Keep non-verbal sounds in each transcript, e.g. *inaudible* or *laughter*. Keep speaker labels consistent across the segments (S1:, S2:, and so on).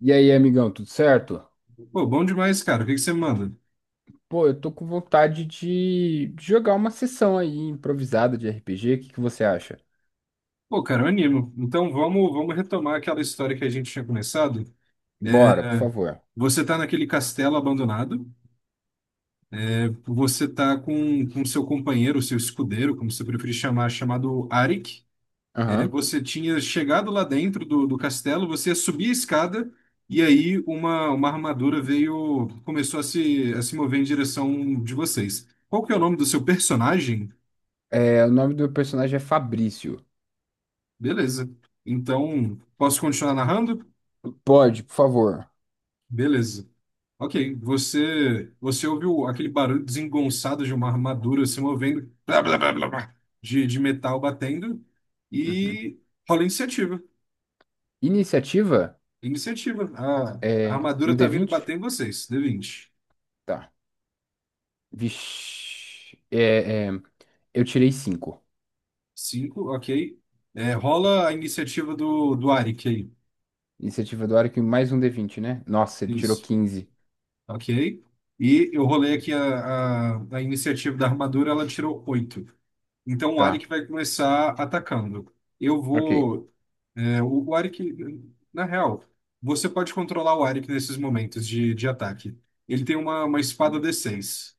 S1: E aí, amigão, tudo certo?
S2: Pô, bom demais, cara. O que que você manda?
S1: Pô, eu tô com vontade de jogar uma sessão aí improvisada de RPG. O que que você acha?
S2: Pô, cara, eu animo. Então vamos retomar aquela história que a gente tinha começado.
S1: Bora, por favor.
S2: Você tá naquele castelo abandonado. Você tá com seu companheiro, seu escudeiro, como você preferir chamar, chamado Arik.
S1: Aham.
S2: Você tinha chegado lá dentro do castelo, você ia subir a escada e aí uma armadura veio, começou a se mover em direção de vocês. Qual que é o nome do seu personagem?
S1: O nome do meu personagem é Fabrício.
S2: Beleza. Então, posso continuar narrando?
S1: Pode, por favor.
S2: Beleza. Ok, você ouviu aquele barulho desengonçado de uma armadura se movendo, blá, blá, blá, blá, blá, de metal batendo,
S1: Uhum.
S2: e rola iniciativa.
S1: Iniciativa?
S2: Iniciativa. A
S1: É um
S2: armadura tá vindo
S1: D20?
S2: bater em vocês. D vinte.
S1: Tá. Vixe. Eu tirei 5.
S2: Cinco, ok. Rola a iniciativa do Arik aí.
S1: Iniciativa do Arco e mais um D20, né? Nossa, ele tirou
S2: Isso,
S1: 15.
S2: ok. E eu rolei aqui a iniciativa da armadura, ela tirou oito. Então o
S1: Tá.
S2: Arik vai começar atacando. Eu
S1: Ok.
S2: vou. O Arik, na real, você pode controlar o Arik nesses momentos de ataque. Ele tem uma espada d seis.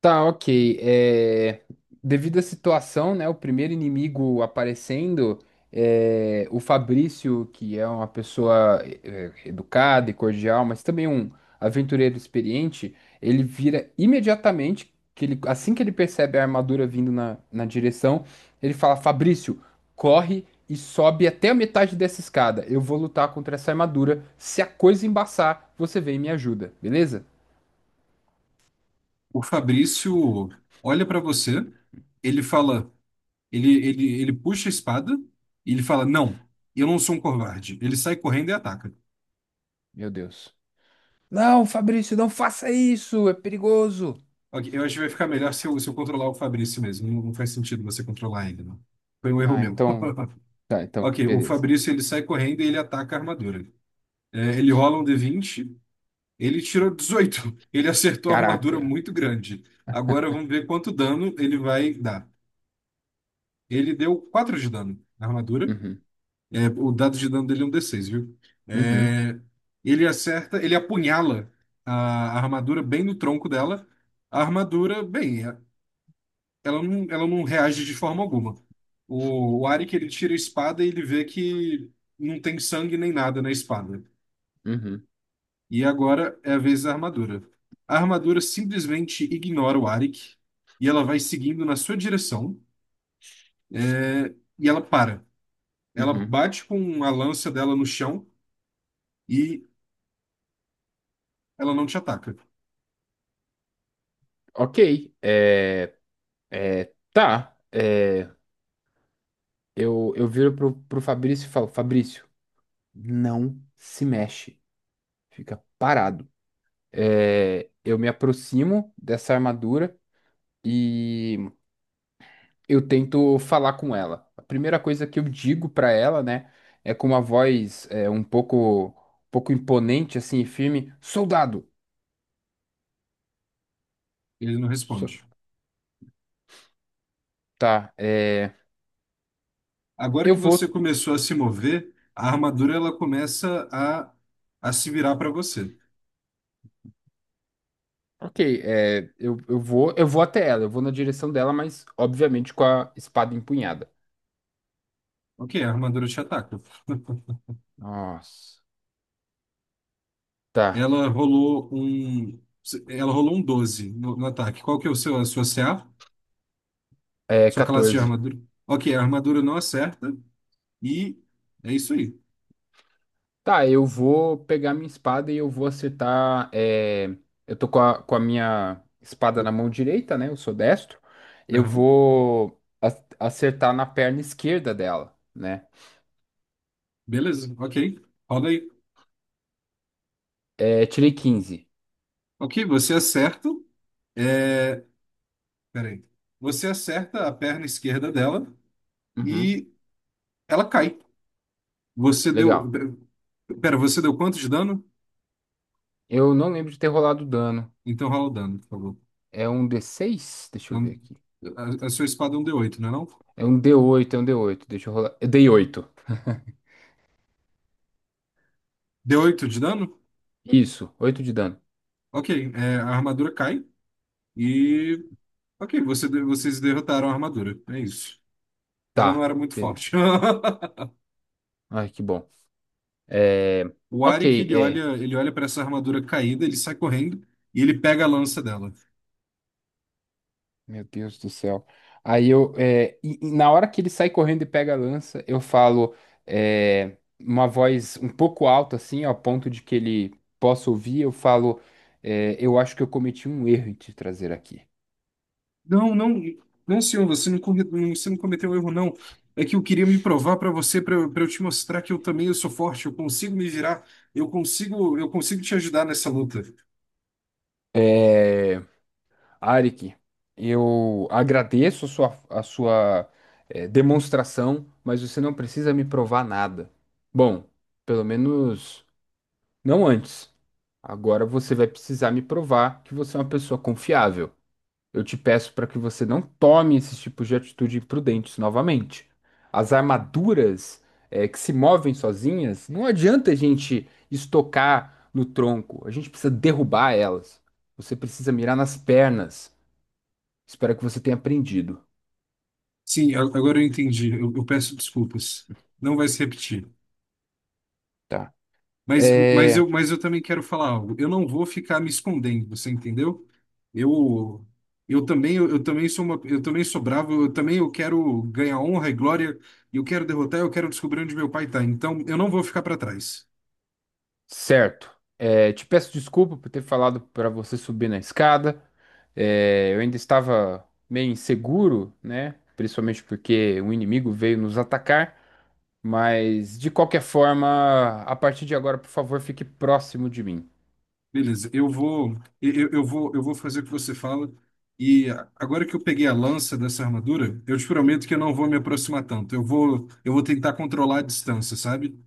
S1: Tá, ok. Devido à situação, né, o primeiro inimigo aparecendo, o Fabrício, que é uma pessoa educada e cordial, mas também um aventureiro experiente, ele vira imediatamente, que ele, assim que ele percebe a armadura vindo na direção, ele fala, Fabrício, corre e sobe até a metade dessa escada. Eu vou lutar contra essa armadura. Se a coisa embaçar, você vem e me ajuda, beleza?
S2: O Fabrício olha pra você, ele fala, ele puxa a espada e ele fala, não, eu não sou um covarde. Ele sai correndo e ataca.
S1: Meu Deus. Não, Fabrício, não faça isso, é perigoso.
S2: Ok, eu acho que vai ficar melhor se eu controlar o Fabrício mesmo. Não, não faz sentido você controlar ele, não. Foi um erro
S1: Ah,
S2: meu.
S1: então.
S2: *laughs*
S1: Tá, então,
S2: Ok, o
S1: beleza.
S2: Fabrício ele sai correndo e ele ataca a armadura. Ele rola um D20. Ele tirou 18. Ele acertou a armadura
S1: Caraca.
S2: muito grande. Agora vamos ver quanto dano ele vai dar. Ele deu 4 de dano na armadura.
S1: Uhum,
S2: O dado de dano dele é um D6, viu?
S1: uhum,
S2: É, ele acerta, ele apunhala a armadura bem no tronco dela. A armadura, bem, ela não reage de forma alguma. O Arik, ele tira a espada e ele vê que não tem sangue nem nada na espada.
S1: uhum,
S2: E agora é a vez da armadura. A armadura simplesmente ignora o Arik e ela vai seguindo na sua direção, e ela para. Ela
S1: uhum.
S2: bate com a lança dela no chão e ela não te ataca.
S1: Ok. É, tá. Eu viro pro Fabrício e falo: Fabrício, não se mexe. Fica parado. Eu me aproximo dessa armadura e eu tento falar com ela. A primeira coisa que eu digo pra ela, né, é com uma voz um pouco imponente, assim, e firme: Soldado!
S2: Ele não
S1: So-
S2: responde.
S1: tá,
S2: Agora
S1: eu
S2: que você
S1: vou.
S2: começou a se mover, a armadura ela a se virar para você.
S1: Ok, eu vou até ela, eu vou na direção dela, mas obviamente com a espada empunhada.
S2: Ok, a armadura te ataca.
S1: Nossa. Tá,
S2: Ela rolou um, ela rolou um 12 no ataque. Qual que é o seu, a sua CA?
S1: é
S2: Sua classe de
S1: 14.
S2: armadura. Ok, a armadura não acerta. E é isso aí.
S1: Tá, eu vou pegar minha espada e eu vou acertar. Eu tô com a minha espada na mão direita, né? Eu sou destro. Eu
S2: Aham.
S1: vou acertar na perna esquerda dela, né?
S2: Beleza, ok. Roda aí.
S1: É, tirei 15.
S2: Ok, você acerta. É... Peraí. Você acerta a perna esquerda dela
S1: Uhum,
S2: e ela cai. Você deu.
S1: legal.
S2: Pera, você deu quanto de dano?
S1: Eu não lembro de ter rolado dano.
S2: Então rola o dano, por favor.
S1: É um D6. Deixa eu ver
S2: Então,
S1: aqui.
S2: A, a sua espada é um d oito, não é, não?
S1: É um d oito. Deixa eu rolar. Eu dei 8.
S2: D oito de dano?
S1: Isso, 8 de dano.
S2: Ok, é, a armadura cai e. Ok, você, vocês derrotaram a armadura. É isso. Ela não
S1: Tá.
S2: era muito
S1: Beleza.
S2: forte. *laughs*
S1: Ai, que bom. É...
S2: O Arik,
S1: Ok.
S2: ele olha para essa armadura caída, ele sai correndo e ele pega a lança dela.
S1: Meu Deus do céu. Aí eu, e na hora que ele sai correndo e pega a lança, eu falo, uma voz um pouco alta, assim, ao ponto de que ele possa ouvir, eu falo, eu acho que eu cometi um erro em te trazer aqui.
S2: Não, não, não, senhor, você não, você não cometeu erro, não. É que eu queria me provar para você, para eu te mostrar que eu também eu sou forte, eu consigo me virar, eu consigo te ajudar nessa luta.
S1: É, Arik, eu agradeço a sua, demonstração, mas você não precisa me provar nada. Bom, pelo menos não antes. Agora você vai precisar me provar que você é uma pessoa confiável. Eu te peço para que você não tome esses tipos de atitude imprudentes novamente. As armaduras, que se movem sozinhas, não adianta a gente estocar no tronco. A gente precisa derrubar elas. Você precisa mirar nas pernas. Espero que você tenha aprendido,
S2: Sim, agora eu entendi. Eu peço desculpas. Não vai se repetir.
S1: tá? É,
S2: Mas eu também quero falar algo. Eu não vou ficar me escondendo, você entendeu? Eu, também sou uma, eu também sou bravo, eu também eu quero ganhar honra e glória, eu quero descobrir onde meu pai tá. Então, eu não vou ficar para trás.
S1: certo. Te peço desculpa por ter falado para você subir na escada. Eu ainda estava meio inseguro, né? Principalmente porque um inimigo veio nos atacar. Mas, de qualquer forma, a partir de agora, por favor, fique próximo de mim.
S2: Beleza, eu vou fazer o que você fala. E agora que eu peguei a lança dessa armadura, eu te prometo que eu não vou me aproximar tanto. Eu vou tentar controlar a distância, sabe?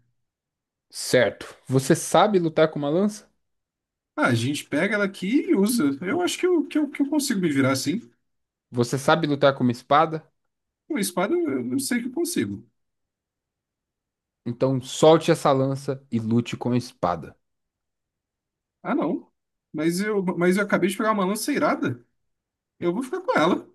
S1: Certo. Você sabe lutar com uma lança?
S2: Ah, a gente pega ela aqui e usa. Eu acho que que eu consigo me virar assim.
S1: Você sabe lutar com uma espada?
S2: Com espada eu não sei que eu consigo.
S1: Então solte essa lança e lute com a espada.
S2: Ah, não. Mas eu acabei de pegar uma lança irada. Eu vou ficar com ela.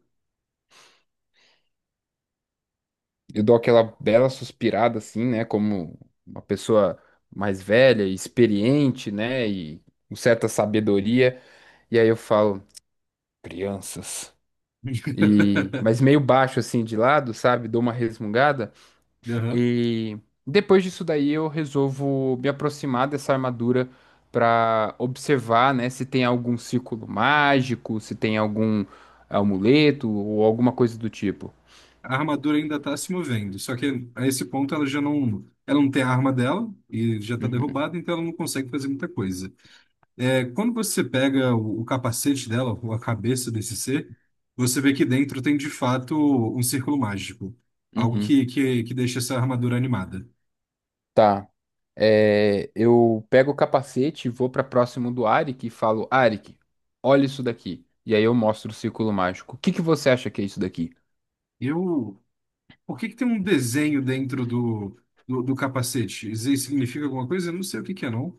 S1: Eu dou aquela bela suspirada, assim, né? Como uma pessoa mais velha, e experiente, né? E com certa sabedoria. E aí eu falo, crianças. E, mas
S2: *laughs*
S1: meio baixo, assim, de lado, sabe? Dou uma resmungada.
S2: Aham.
S1: E depois disso daí eu resolvo me aproximar dessa armadura para observar, né, se tem algum círculo mágico, se tem algum amuleto ou alguma coisa do tipo.
S2: A armadura ainda tá se movendo. Só que a esse ponto ela já não, ela não tem a arma dela e já tá
S1: Uhum,
S2: derrubada, então ela não consegue fazer muita coisa. É, quando você pega o capacete dela, ou a cabeça desse ser, você vê que dentro tem de fato um círculo mágico. Algo
S1: uhum.
S2: que deixa essa armadura animada.
S1: Tá. Eu pego o capacete e vou para próximo do Arik e falo, Arik, olha isso daqui. E aí eu mostro o círculo mágico. O que que você acha que é isso daqui?
S2: Eu, por que que tem um desenho dentro do capacete? Isso aí significa alguma coisa? Eu não sei o que que é, não.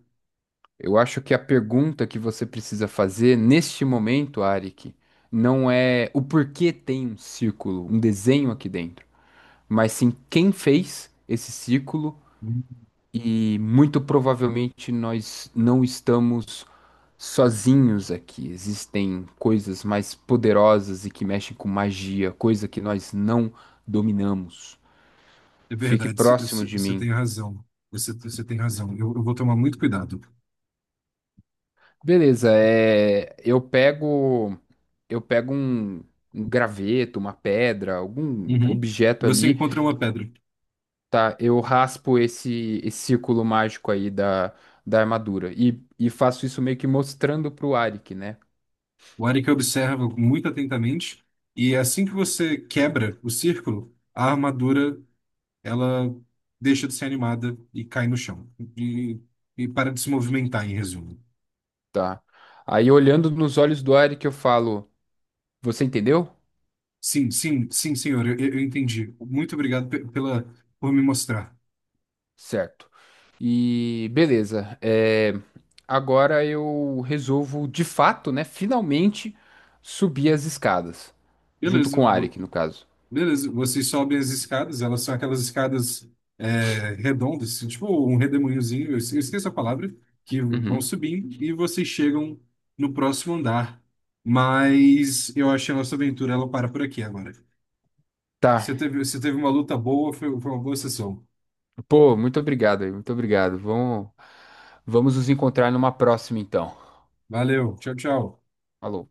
S1: Eu acho que a pergunta que você precisa fazer neste momento, Arik, não é o porquê tem um círculo, um desenho aqui dentro, mas sim quem fez esse círculo
S2: Hum,
S1: e muito provavelmente nós não estamos sozinhos aqui. Existem coisas mais poderosas e que mexem com magia, coisa que nós não dominamos.
S2: é
S1: Fique
S2: verdade,
S1: próximo de
S2: você
S1: mim.
S2: tem razão. Você tem razão. Eu vou tomar muito cuidado.
S1: Beleza, eu pego um graveto, uma pedra, algum
S2: Uhum.
S1: objeto
S2: Você
S1: ali,
S2: encontra uma pedra.
S1: tá? Eu raspo esse círculo mágico aí da armadura e faço isso meio que mostrando pro Arik, né?
S2: O Arik observa muito atentamente e é assim que você quebra o círculo, a armadura ela deixa de ser animada e cai no chão e, e para de se movimentar, em resumo.
S1: Tá. Aí olhando nos olhos do Arik eu falo, você entendeu?
S2: Sim, sim, sim, senhor, eu entendi. Muito obrigado pela por me mostrar.
S1: Certo. E beleza. Agora eu resolvo, de fato, né? Finalmente subir as escadas. Junto
S2: Beleza,
S1: com o
S2: vo-
S1: Arik, no caso.
S2: beleza. Vocês sobem as escadas, elas são aquelas escadas redondas, assim, tipo um redemoinhozinho, eu esqueço a palavra, que vão
S1: Uhum.
S2: subindo e vocês chegam no próximo andar. Mas eu acho que a nossa aventura ela para por aqui agora.
S1: Tá.
S2: Você teve uma luta boa, foi uma boa sessão.
S1: Pô, muito obrigado aí, muito obrigado. Vamos nos encontrar numa próxima, então.
S2: Valeu, tchau, tchau.
S1: Falou.